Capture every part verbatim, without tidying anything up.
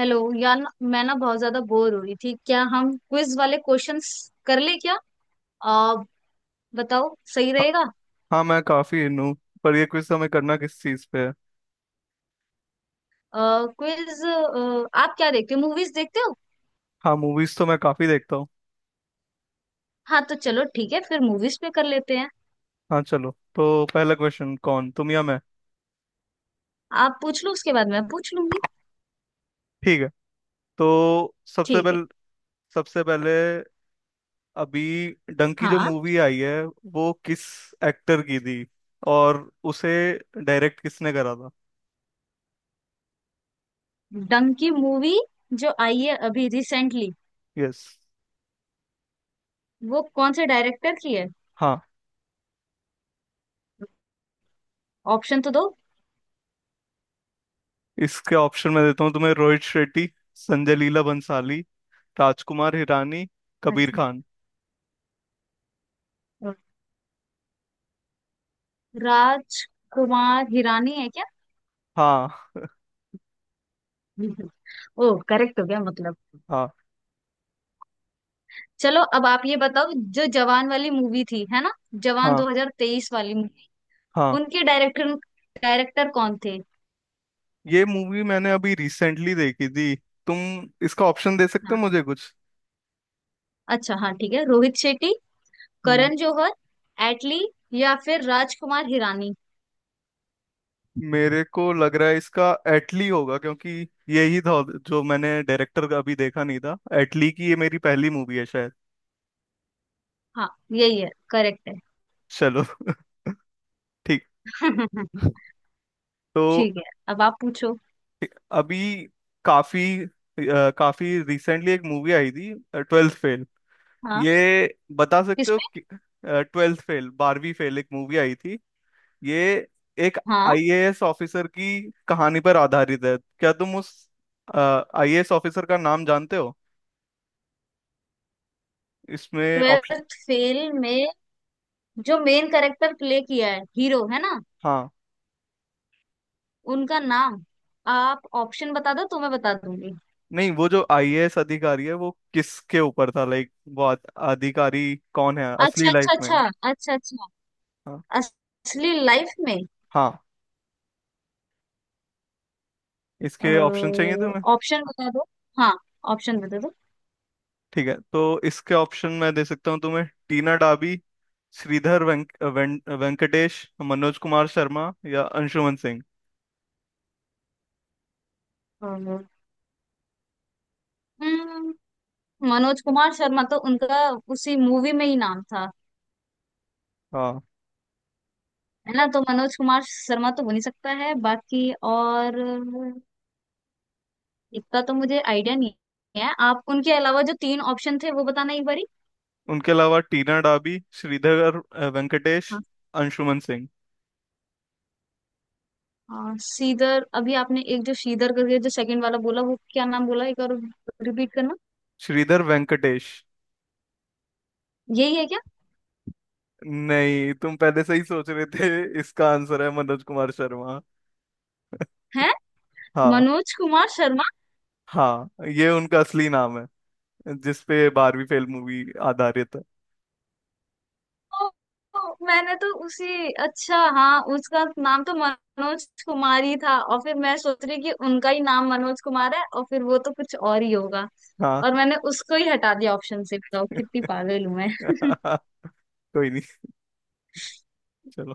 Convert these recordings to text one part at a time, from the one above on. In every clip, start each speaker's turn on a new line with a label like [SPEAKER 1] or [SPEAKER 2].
[SPEAKER 1] Hello यार ना- मैं ना बहुत ज्यादा बोर हो रही थी। क्या हम क्विज वाले क्वेश्चंस कर ले क्या? आ, बताओ सही
[SPEAKER 2] हाँ।
[SPEAKER 1] रहेगा।
[SPEAKER 2] हाँ, मैं काफी इन हूँ। पर ये क्विज हमें करना किस चीज पे है?
[SPEAKER 1] क्विज। आप क्या देखते हो? मूवीज देखते हो?
[SPEAKER 2] हाँ, मूवीज तो मैं काफी देखता हूँ।
[SPEAKER 1] हाँ तो चलो ठीक है फिर मूवीज पे कर लेते हैं।
[SPEAKER 2] हाँ चलो, तो पहला क्वेश्चन कौन, तुम या मैं?
[SPEAKER 1] आप पूछ लो उसके बाद मैं पूछ लूंगी।
[SPEAKER 2] ठीक है, तो सबसे
[SPEAKER 1] ठीक है।
[SPEAKER 2] पहले सबसे पहले अभी डंकी जो
[SPEAKER 1] हाँ।
[SPEAKER 2] मूवी आई है, वो किस एक्टर की थी और उसे डायरेक्ट किसने करा था?
[SPEAKER 1] डंकी मूवी जो आई है अभी रिसेंटली
[SPEAKER 2] यस।
[SPEAKER 1] वो कौन से डायरेक्टर की है?
[SPEAKER 2] हाँ,
[SPEAKER 1] ऑप्शन तो दो।
[SPEAKER 2] इसके ऑप्शन मैं देता हूँ तुम्हें। रोहित शेट्टी, संजय लीला भंसाली, राजकुमार हिरानी, कबीर
[SPEAKER 1] अच्छा,
[SPEAKER 2] खान।
[SPEAKER 1] राज कुमार हिरानी है क्या?
[SPEAKER 2] हाँ।
[SPEAKER 1] ओ करेक्ट हो गया मतलब।
[SPEAKER 2] हाँ।
[SPEAKER 1] चलो अब आप ये बताओ जो जवान वाली मूवी थी है ना, जवान
[SPEAKER 2] हाँ।
[SPEAKER 1] दो हज़ार तेईस वाली मूवी,
[SPEAKER 2] हाँ,
[SPEAKER 1] उनके डायरेक्टर डायरेक्टर कौन थे?
[SPEAKER 2] ये मूवी मैंने अभी रिसेंटली देखी थी। तुम इसका ऑप्शन दे सकते
[SPEAKER 1] हाँ।
[SPEAKER 2] हो मुझे कुछ?
[SPEAKER 1] अच्छा हाँ, ठीक है। रोहित शेट्टी,
[SPEAKER 2] हम्म,
[SPEAKER 1] करण जौहर, एटली या फिर राजकुमार हिरानी?
[SPEAKER 2] मेरे को लग रहा है इसका एटली होगा, क्योंकि यही था जो मैंने डायरेक्टर का अभी देखा नहीं था। एटली की ये मेरी पहली मूवी है शायद।
[SPEAKER 1] हाँ यही है, करेक्ट है।
[SPEAKER 2] चलो ठीक। तो
[SPEAKER 1] ठीक है, अब आप पूछो।
[SPEAKER 2] अभी काफी अ, काफी रिसेंटली एक मूवी आई थी, ट्वेल्थ फेल।
[SPEAKER 1] हाँ।
[SPEAKER 2] ये बता सकते हो?
[SPEAKER 1] किसमें?
[SPEAKER 2] ट्वेल्थ फेल, बारहवीं फेल, एक मूवी आई थी। ये एक
[SPEAKER 1] हाँ।
[SPEAKER 2] आईएएस ऑफिसर की कहानी पर आधारित है। क्या तुम उस आईएएस ऑफिसर का नाम जानते हो? इसमें ऑप्शन।
[SPEAKER 1] ट्वेल्थ फेल में जो मेन कैरेक्टर प्ले किया है, हीरो है ना,
[SPEAKER 2] हाँ,
[SPEAKER 1] उनका नाम? आप ऑप्शन बता दो तो मैं बता दूंगी।
[SPEAKER 2] नहीं, वो जो आईएएस अधिकारी है, वो किसके ऊपर था, लाइक वो आ- अधिकारी कौन है असली
[SPEAKER 1] अच्छा अच्छा
[SPEAKER 2] लाइफ में?
[SPEAKER 1] अच्छा। अच्छा अच्छा।
[SPEAKER 2] हाँ,
[SPEAKER 1] असली लाइफ में।
[SPEAKER 2] हाँ, इसके ऑप्शन चाहिए तुम्हें?
[SPEAKER 1] ऑप्शन बता दो। हाँ, ऑप्शन बता दो।
[SPEAKER 2] ठीक है, तो इसके ऑप्शन मैं दे सकता हूँ तुम्हें। टीना डाबी, श्रीधर वेंक, वें, वेंकटेश, मनोज कुमार शर्मा या अंशुमन सिंह।
[SPEAKER 1] अ, हम्म, मनोज कुमार शर्मा तो उनका उसी मूवी में ही नाम था,
[SPEAKER 2] हाँ,
[SPEAKER 1] है ना? तो मनोज कुमार शर्मा तो हो नहीं सकता है। बाकी और इतना तो मुझे आइडिया नहीं है। आप उनके अलावा जो तीन ऑप्शन थे वो बताना एक बारी।
[SPEAKER 2] उनके अलावा टीना डाबी, श्रीधर अ, वेंकटेश,
[SPEAKER 1] हाँ।
[SPEAKER 2] अंशुमन सिंह।
[SPEAKER 1] हाँ, सीदर अभी आपने एक जो सीदर करके जो सेकंड वाला बोला वो क्या नाम बोला एक और? रिपीट करना।
[SPEAKER 2] श्रीधर वेंकटेश।
[SPEAKER 1] यही है क्या?
[SPEAKER 2] नहीं, तुम पहले से ही सोच रहे थे, इसका आंसर है मनोज कुमार शर्मा।
[SPEAKER 1] है
[SPEAKER 2] हाँ।
[SPEAKER 1] मनोज कुमार शर्मा।
[SPEAKER 2] हाँ, ये उनका असली नाम है, जिसपे बारहवीं फेल मूवी आधारित है।
[SPEAKER 1] ओ, मैंने तो उसी अच्छा हाँ, उसका नाम तो मनोज कुमार ही था और फिर मैं सोच रही कि उनका ही नाम मनोज कुमार है और फिर वो तो कुछ और ही होगा।
[SPEAKER 2] हाँ
[SPEAKER 1] और मैंने उसको ही हटा दिया ऑप्शन से। बताओ कितनी पागल हूं मैं।
[SPEAKER 2] कोई नहीं, चलो।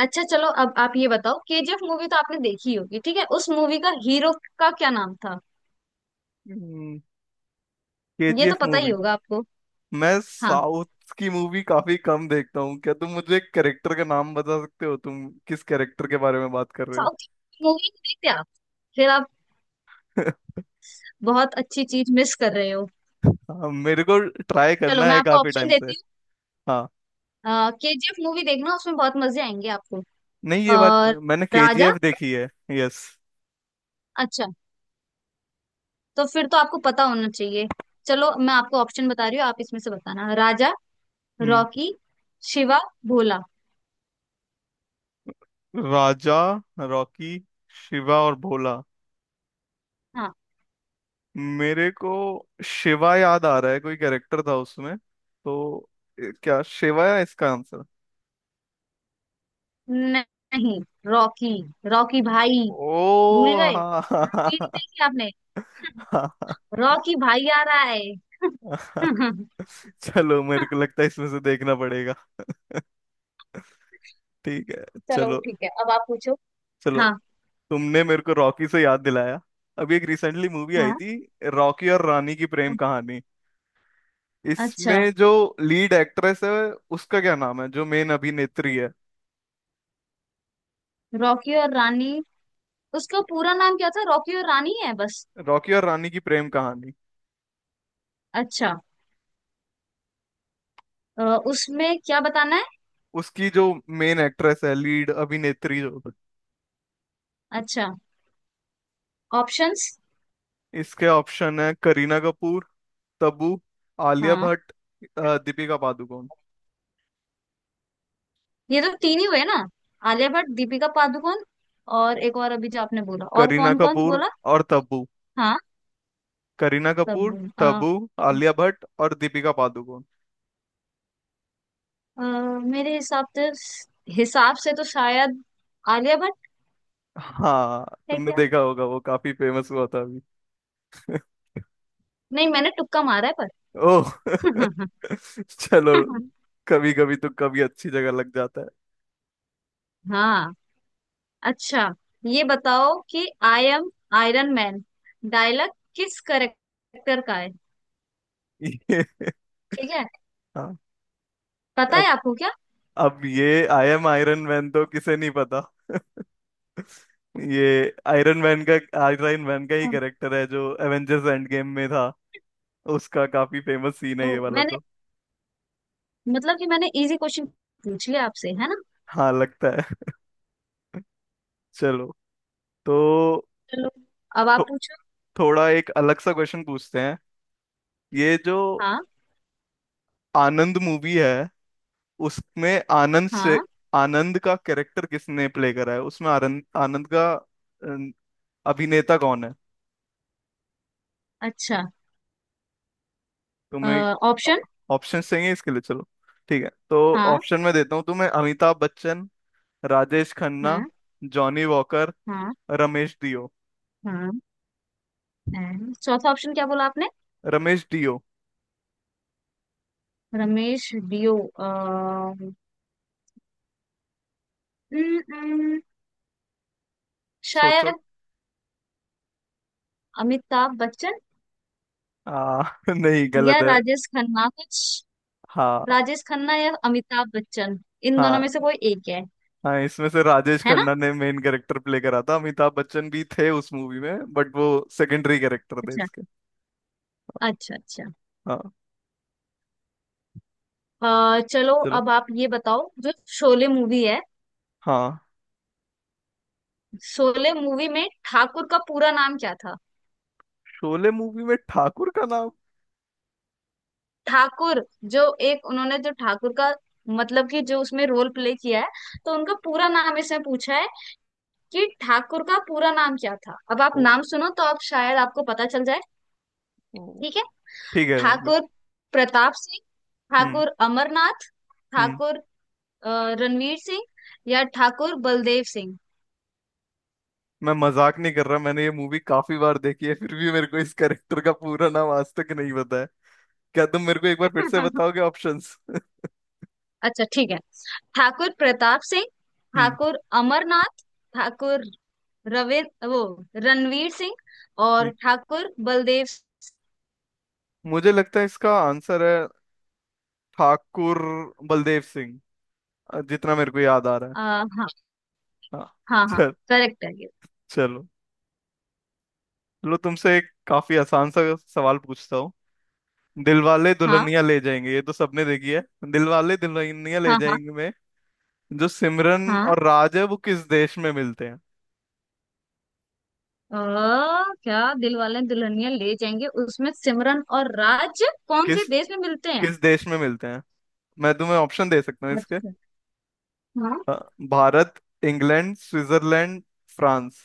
[SPEAKER 1] अच्छा चलो अब आप ये बताओ, के जी एफ मूवी तो आपने देखी होगी, ठीक है, उस मूवी का हीरो का क्या नाम था?
[SPEAKER 2] के
[SPEAKER 1] ये
[SPEAKER 2] जी
[SPEAKER 1] तो
[SPEAKER 2] एफ
[SPEAKER 1] पता ही
[SPEAKER 2] मूवी।
[SPEAKER 1] होगा आपको।
[SPEAKER 2] मैं
[SPEAKER 1] हाँ।
[SPEAKER 2] साउथ की मूवी काफी कम देखता हूँ। क्या तुम मुझे एक कैरेक्टर का नाम बता सकते हो? तुम किस कैरेक्टर के बारे में बात कर रहे हो?
[SPEAKER 1] साउथ मूवी देखते आप, फिर आप बहुत अच्छी चीज मिस कर रहे हो।
[SPEAKER 2] हाँ, मेरे को ट्राई
[SPEAKER 1] चलो
[SPEAKER 2] करना
[SPEAKER 1] मैं
[SPEAKER 2] है
[SPEAKER 1] आपको
[SPEAKER 2] काफी
[SPEAKER 1] ऑप्शन
[SPEAKER 2] टाइम से।
[SPEAKER 1] देती
[SPEAKER 2] हाँ,
[SPEAKER 1] हूँ। के जी एफ मूवी देखना, उसमें बहुत मजे आएंगे आपको।
[SPEAKER 2] नहीं ये बात,
[SPEAKER 1] और
[SPEAKER 2] मैंने
[SPEAKER 1] राजा।
[SPEAKER 2] केजीएफ देखी है। यस।
[SPEAKER 1] अच्छा तो फिर तो आपको पता होना चाहिए। चलो मैं आपको ऑप्शन बता रही हूँ, आप इसमें से बताना। राजा,
[SPEAKER 2] हम्म।
[SPEAKER 1] रॉकी, शिवा, भोला।
[SPEAKER 2] राजा, रॉकी, शिवा और भोला।
[SPEAKER 1] हाँ।
[SPEAKER 2] मेरे को शिवा याद आ रहा है, कोई कैरेक्टर था उसमें तो। ए, क्या शिवा है इसका आंसर?
[SPEAKER 1] न- नहीं, रॉकी, रॉकी भाई। भूल
[SPEAKER 2] ओ
[SPEAKER 1] गए?
[SPEAKER 2] हाँ हाँ
[SPEAKER 1] भी नहीं
[SPEAKER 2] हाँ,
[SPEAKER 1] देखी आपने।
[SPEAKER 2] हाँ,
[SPEAKER 1] रॉकी भाई आ रहा है।
[SPEAKER 2] हाँ, हाँ। चलो, मेरे को लगता है इसमें से देखना पड़ेगा। ठीक है,
[SPEAKER 1] चलो
[SPEAKER 2] चलो।
[SPEAKER 1] ठीक है, अब आप पूछो।
[SPEAKER 2] चलो,
[SPEAKER 1] हाँ।
[SPEAKER 2] तुमने मेरे को रॉकी से याद दिलाया। अभी एक रिसेंटली मूवी आई
[SPEAKER 1] हाँ।
[SPEAKER 2] थी, रॉकी और रानी की प्रेम कहानी।
[SPEAKER 1] अच्छा।
[SPEAKER 2] इसमें जो लीड एक्ट्रेस है, उसका क्या नाम है, जो मेन अभिनेत्री है?
[SPEAKER 1] रॉकी और रानी, उसका पूरा नाम क्या था? रॉकी और रानी है बस?
[SPEAKER 2] रॉकी और रानी की प्रेम कहानी।
[SPEAKER 1] अच्छा। अ, उसमें क्या बताना है?
[SPEAKER 2] उसकी जो मेन एक्ट्रेस है, लीड अभिनेत्री जो,
[SPEAKER 1] अच्छा। ऑप्शंस।
[SPEAKER 2] इसके ऑप्शन है करीना कपूर, तब्बू, आलिया
[SPEAKER 1] हाँ।
[SPEAKER 2] भट्ट, अ, दीपिका पादुकोण।
[SPEAKER 1] ये तो तीन ही हुए ना, आलिया भट्ट, दीपिका पादुकोण और एक और? अभी जो आपने बोला, और
[SPEAKER 2] करीना
[SPEAKER 1] कौन कौन
[SPEAKER 2] कपूर
[SPEAKER 1] बोला?
[SPEAKER 2] और तब्बू।
[SPEAKER 1] हाँ।
[SPEAKER 2] करीना कपूर,
[SPEAKER 1] सब आ,
[SPEAKER 2] तब्बू, आलिया भट्ट और दीपिका पादुकोण।
[SPEAKER 1] अ, मेरे हिसाब से, हिसाब से तो शायद आलिया भट्ट।
[SPEAKER 2] हाँ,
[SPEAKER 1] है
[SPEAKER 2] तुमने
[SPEAKER 1] क्या?
[SPEAKER 2] देखा होगा, वो काफी फेमस हुआ था अभी।
[SPEAKER 1] नहीं मैंने तुक्का मारा है।
[SPEAKER 2] ओह
[SPEAKER 1] पर
[SPEAKER 2] चलो। कभी कभी तो कभी अच्छी जगह लग जाता
[SPEAKER 1] हाँ। अच्छा ये बताओ कि I am Iron Man dialogue किस करेक्टर का है?
[SPEAKER 2] है। ये।
[SPEAKER 1] ठीक है।
[SPEAKER 2] हाँ।
[SPEAKER 1] पता है
[SPEAKER 2] अब
[SPEAKER 1] आपको क्या?
[SPEAKER 2] अब ये आई एम आयरन मैन तो किसे नहीं पता। ये आयरन मैन का, आयरन मैन का ही कैरेक्टर है जो एवेंजर्स एंड गेम में था। उसका काफी फेमस सीन
[SPEAKER 1] ओ,
[SPEAKER 2] है ये वाला
[SPEAKER 1] मैंने
[SPEAKER 2] तो।
[SPEAKER 1] मतलब कि मैंने इजी क्वेश्चन पूछ लिया आपसे, है ना?
[SPEAKER 2] हाँ लगता है। चलो। तो
[SPEAKER 1] चलो अब आप
[SPEAKER 2] थो,
[SPEAKER 1] पूछो।
[SPEAKER 2] थोड़ा एक अलग सा क्वेश्चन पूछते हैं। ये जो
[SPEAKER 1] हाँ।
[SPEAKER 2] आनंद मूवी है, उसमें आनंद से,
[SPEAKER 1] हाँ।
[SPEAKER 2] आनंद का कैरेक्टर किसने प्ले करा है उसमें? आनंद आनंद का अ, अभिनेता कौन है?
[SPEAKER 1] अच्छा।
[SPEAKER 2] तुम्हें
[SPEAKER 1] ऑप्शन।
[SPEAKER 2] ऑप्शन चाहिए इसके लिए? चलो ठीक है, तो
[SPEAKER 1] हाँ।
[SPEAKER 2] ऑप्शन में देता हूँ तुम्हें। अमिताभ बच्चन, राजेश खन्ना,
[SPEAKER 1] हाँ।
[SPEAKER 2] जॉनी वॉकर,
[SPEAKER 1] हाँ।
[SPEAKER 2] रमेश डियो।
[SPEAKER 1] हाँ। हाँ। चौथा ऑप्शन क्या बोला आपने?
[SPEAKER 2] रमेश डियो।
[SPEAKER 1] रमेश डियो। अ, हम्म, हम्म,
[SPEAKER 2] सोचो।
[SPEAKER 1] शायद अमिताभ बच्चन।
[SPEAKER 2] आ, नहीं,
[SPEAKER 1] या
[SPEAKER 2] गलत है।
[SPEAKER 1] राजेश खन्ना कुछ।
[SPEAKER 2] हाँ।
[SPEAKER 1] राजेश खन्ना या अमिताभ बच्चन, इन दोनों
[SPEAKER 2] हाँ,
[SPEAKER 1] में से कोई एक है।
[SPEAKER 2] हाँ, इसमें से राजेश
[SPEAKER 1] है ना?
[SPEAKER 2] खन्ना ने मेन कैरेक्टर प्ले करा था। अमिताभ बच्चन भी थे उस मूवी में, बट वो सेकेंडरी कैरेक्टर थे
[SPEAKER 1] अच्छा
[SPEAKER 2] इसके।
[SPEAKER 1] अच्छा अच्छा।
[SPEAKER 2] हाँ,
[SPEAKER 1] अ, चलो
[SPEAKER 2] चलो।
[SPEAKER 1] अब आप ये बताओ जो शोले मूवी है,
[SPEAKER 2] हाँ,
[SPEAKER 1] शोले मूवी में ठाकुर का पूरा नाम क्या था?
[SPEAKER 2] शोले मूवी में ठाकुर का नाम।
[SPEAKER 1] ठाकुर जो, एक उन्होंने जो ठाकुर का, मतलब कि जो उसमें रोल प्ले किया है, तो उनका पूरा नाम इसमें पूछा है कि ठाकुर का पूरा नाम क्या था। अब आप
[SPEAKER 2] ओ,
[SPEAKER 1] नाम सुनो तो आप शायद आपको पता चल जाए।
[SPEAKER 2] ओ।
[SPEAKER 1] ठीक है।
[SPEAKER 2] ठीक है, मैं।
[SPEAKER 1] ठाकुर प्रताप सिंह,
[SPEAKER 2] हम्म।
[SPEAKER 1] ठाकुर अमरनाथ,
[SPEAKER 2] हम्म,
[SPEAKER 1] ठाकुर अ, रणवीर सिंह या ठाकुर बलदेव सिंह।
[SPEAKER 2] मैं मजाक नहीं कर रहा, मैंने ये मूवी काफी बार देखी है, फिर भी मेरे को इस कैरेक्टर का पूरा नाम आज तक नहीं पता है। क्या तुम मेरे को एक बार फिर से बताओगे ऑप्शंस?
[SPEAKER 1] अच्छा ठीक है। ठाकुर प्रताप सिंह,
[SPEAKER 2] हम्म।
[SPEAKER 1] ठाकुर अमरनाथ, ठाकुर रवि, वो रणवीर सिंह और
[SPEAKER 2] हम्म।
[SPEAKER 1] ठाकुर बलदेव।
[SPEAKER 2] मुझे लगता है इसका आंसर है ठाकुर बलदेव सिंह, अ, जितना मेरे को याद आ रहा है।
[SPEAKER 1] अ, हाँ।
[SPEAKER 2] हाँ।
[SPEAKER 1] हाँ हाँ।
[SPEAKER 2] चल,
[SPEAKER 1] करेक्ट है ये।
[SPEAKER 2] चलो। चलो, तुमसे एक काफी आसान सा सवाल पूछता हूँ। दिलवाले
[SPEAKER 1] हाँ।
[SPEAKER 2] दुल्हनिया ले जाएंगे, ये तो सबने देखी है। दिलवाले दुल्हनिया ले
[SPEAKER 1] हाँ। हाँ।
[SPEAKER 2] जाएंगे में जो सिमरन
[SPEAKER 1] हाँ।
[SPEAKER 2] और राज है, वो किस देश में मिलते हैं?
[SPEAKER 1] अ, क्या दिल वाले दुल्हनिया ले जाएंगे उसमें सिमरन और राज कौन से
[SPEAKER 2] किस
[SPEAKER 1] देश में मिलते हैं?
[SPEAKER 2] किस देश में मिलते हैं? मैं तुम्हें ऑप्शन दे सकता हूँ इसके।
[SPEAKER 1] अच्छा। हाँ।
[SPEAKER 2] अ, भारत, इंग्लैंड, स्विट्जरलैंड, फ्रांस।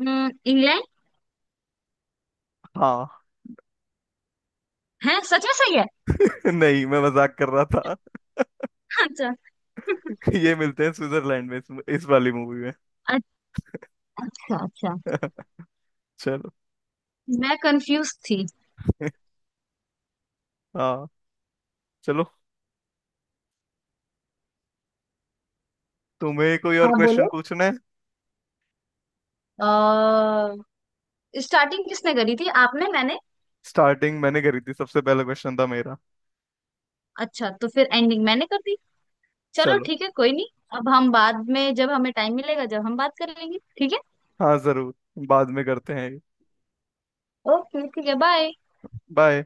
[SPEAKER 1] हम्म, इंग्लैंड
[SPEAKER 2] हाँ
[SPEAKER 1] है? सच में सही है?
[SPEAKER 2] नहीं मैं मजाक कर रहा था।
[SPEAKER 1] अच्छा
[SPEAKER 2] ये मिलते हैं स्विट्जरलैंड में इस, इस वाली मूवी में।
[SPEAKER 1] अच्छा अच्छा।
[SPEAKER 2] चलो।
[SPEAKER 1] मैं कंफ्यूज थी।
[SPEAKER 2] हाँ, चलो। तुम्हें कोई और
[SPEAKER 1] हाँ
[SPEAKER 2] क्वेश्चन
[SPEAKER 1] बोलो।
[SPEAKER 2] पूछना है?
[SPEAKER 1] अ, स्टार्टिंग किसने करी थी, आपने मैंने?
[SPEAKER 2] स्टार्टिंग मैंने करी थी, सबसे पहला क्वेश्चन था मेरा।
[SPEAKER 1] अच्छा तो फिर एंडिंग मैंने कर दी। चलो
[SPEAKER 2] चलो,
[SPEAKER 1] ठीक है, कोई नहीं। अब हम बाद में जब हमें टाइम मिलेगा जब हम बात कर लेंगे, ठीक है?
[SPEAKER 2] हाँ जरूर, बाद में करते हैं।
[SPEAKER 1] ओके ठीक है, बाय।
[SPEAKER 2] बाय।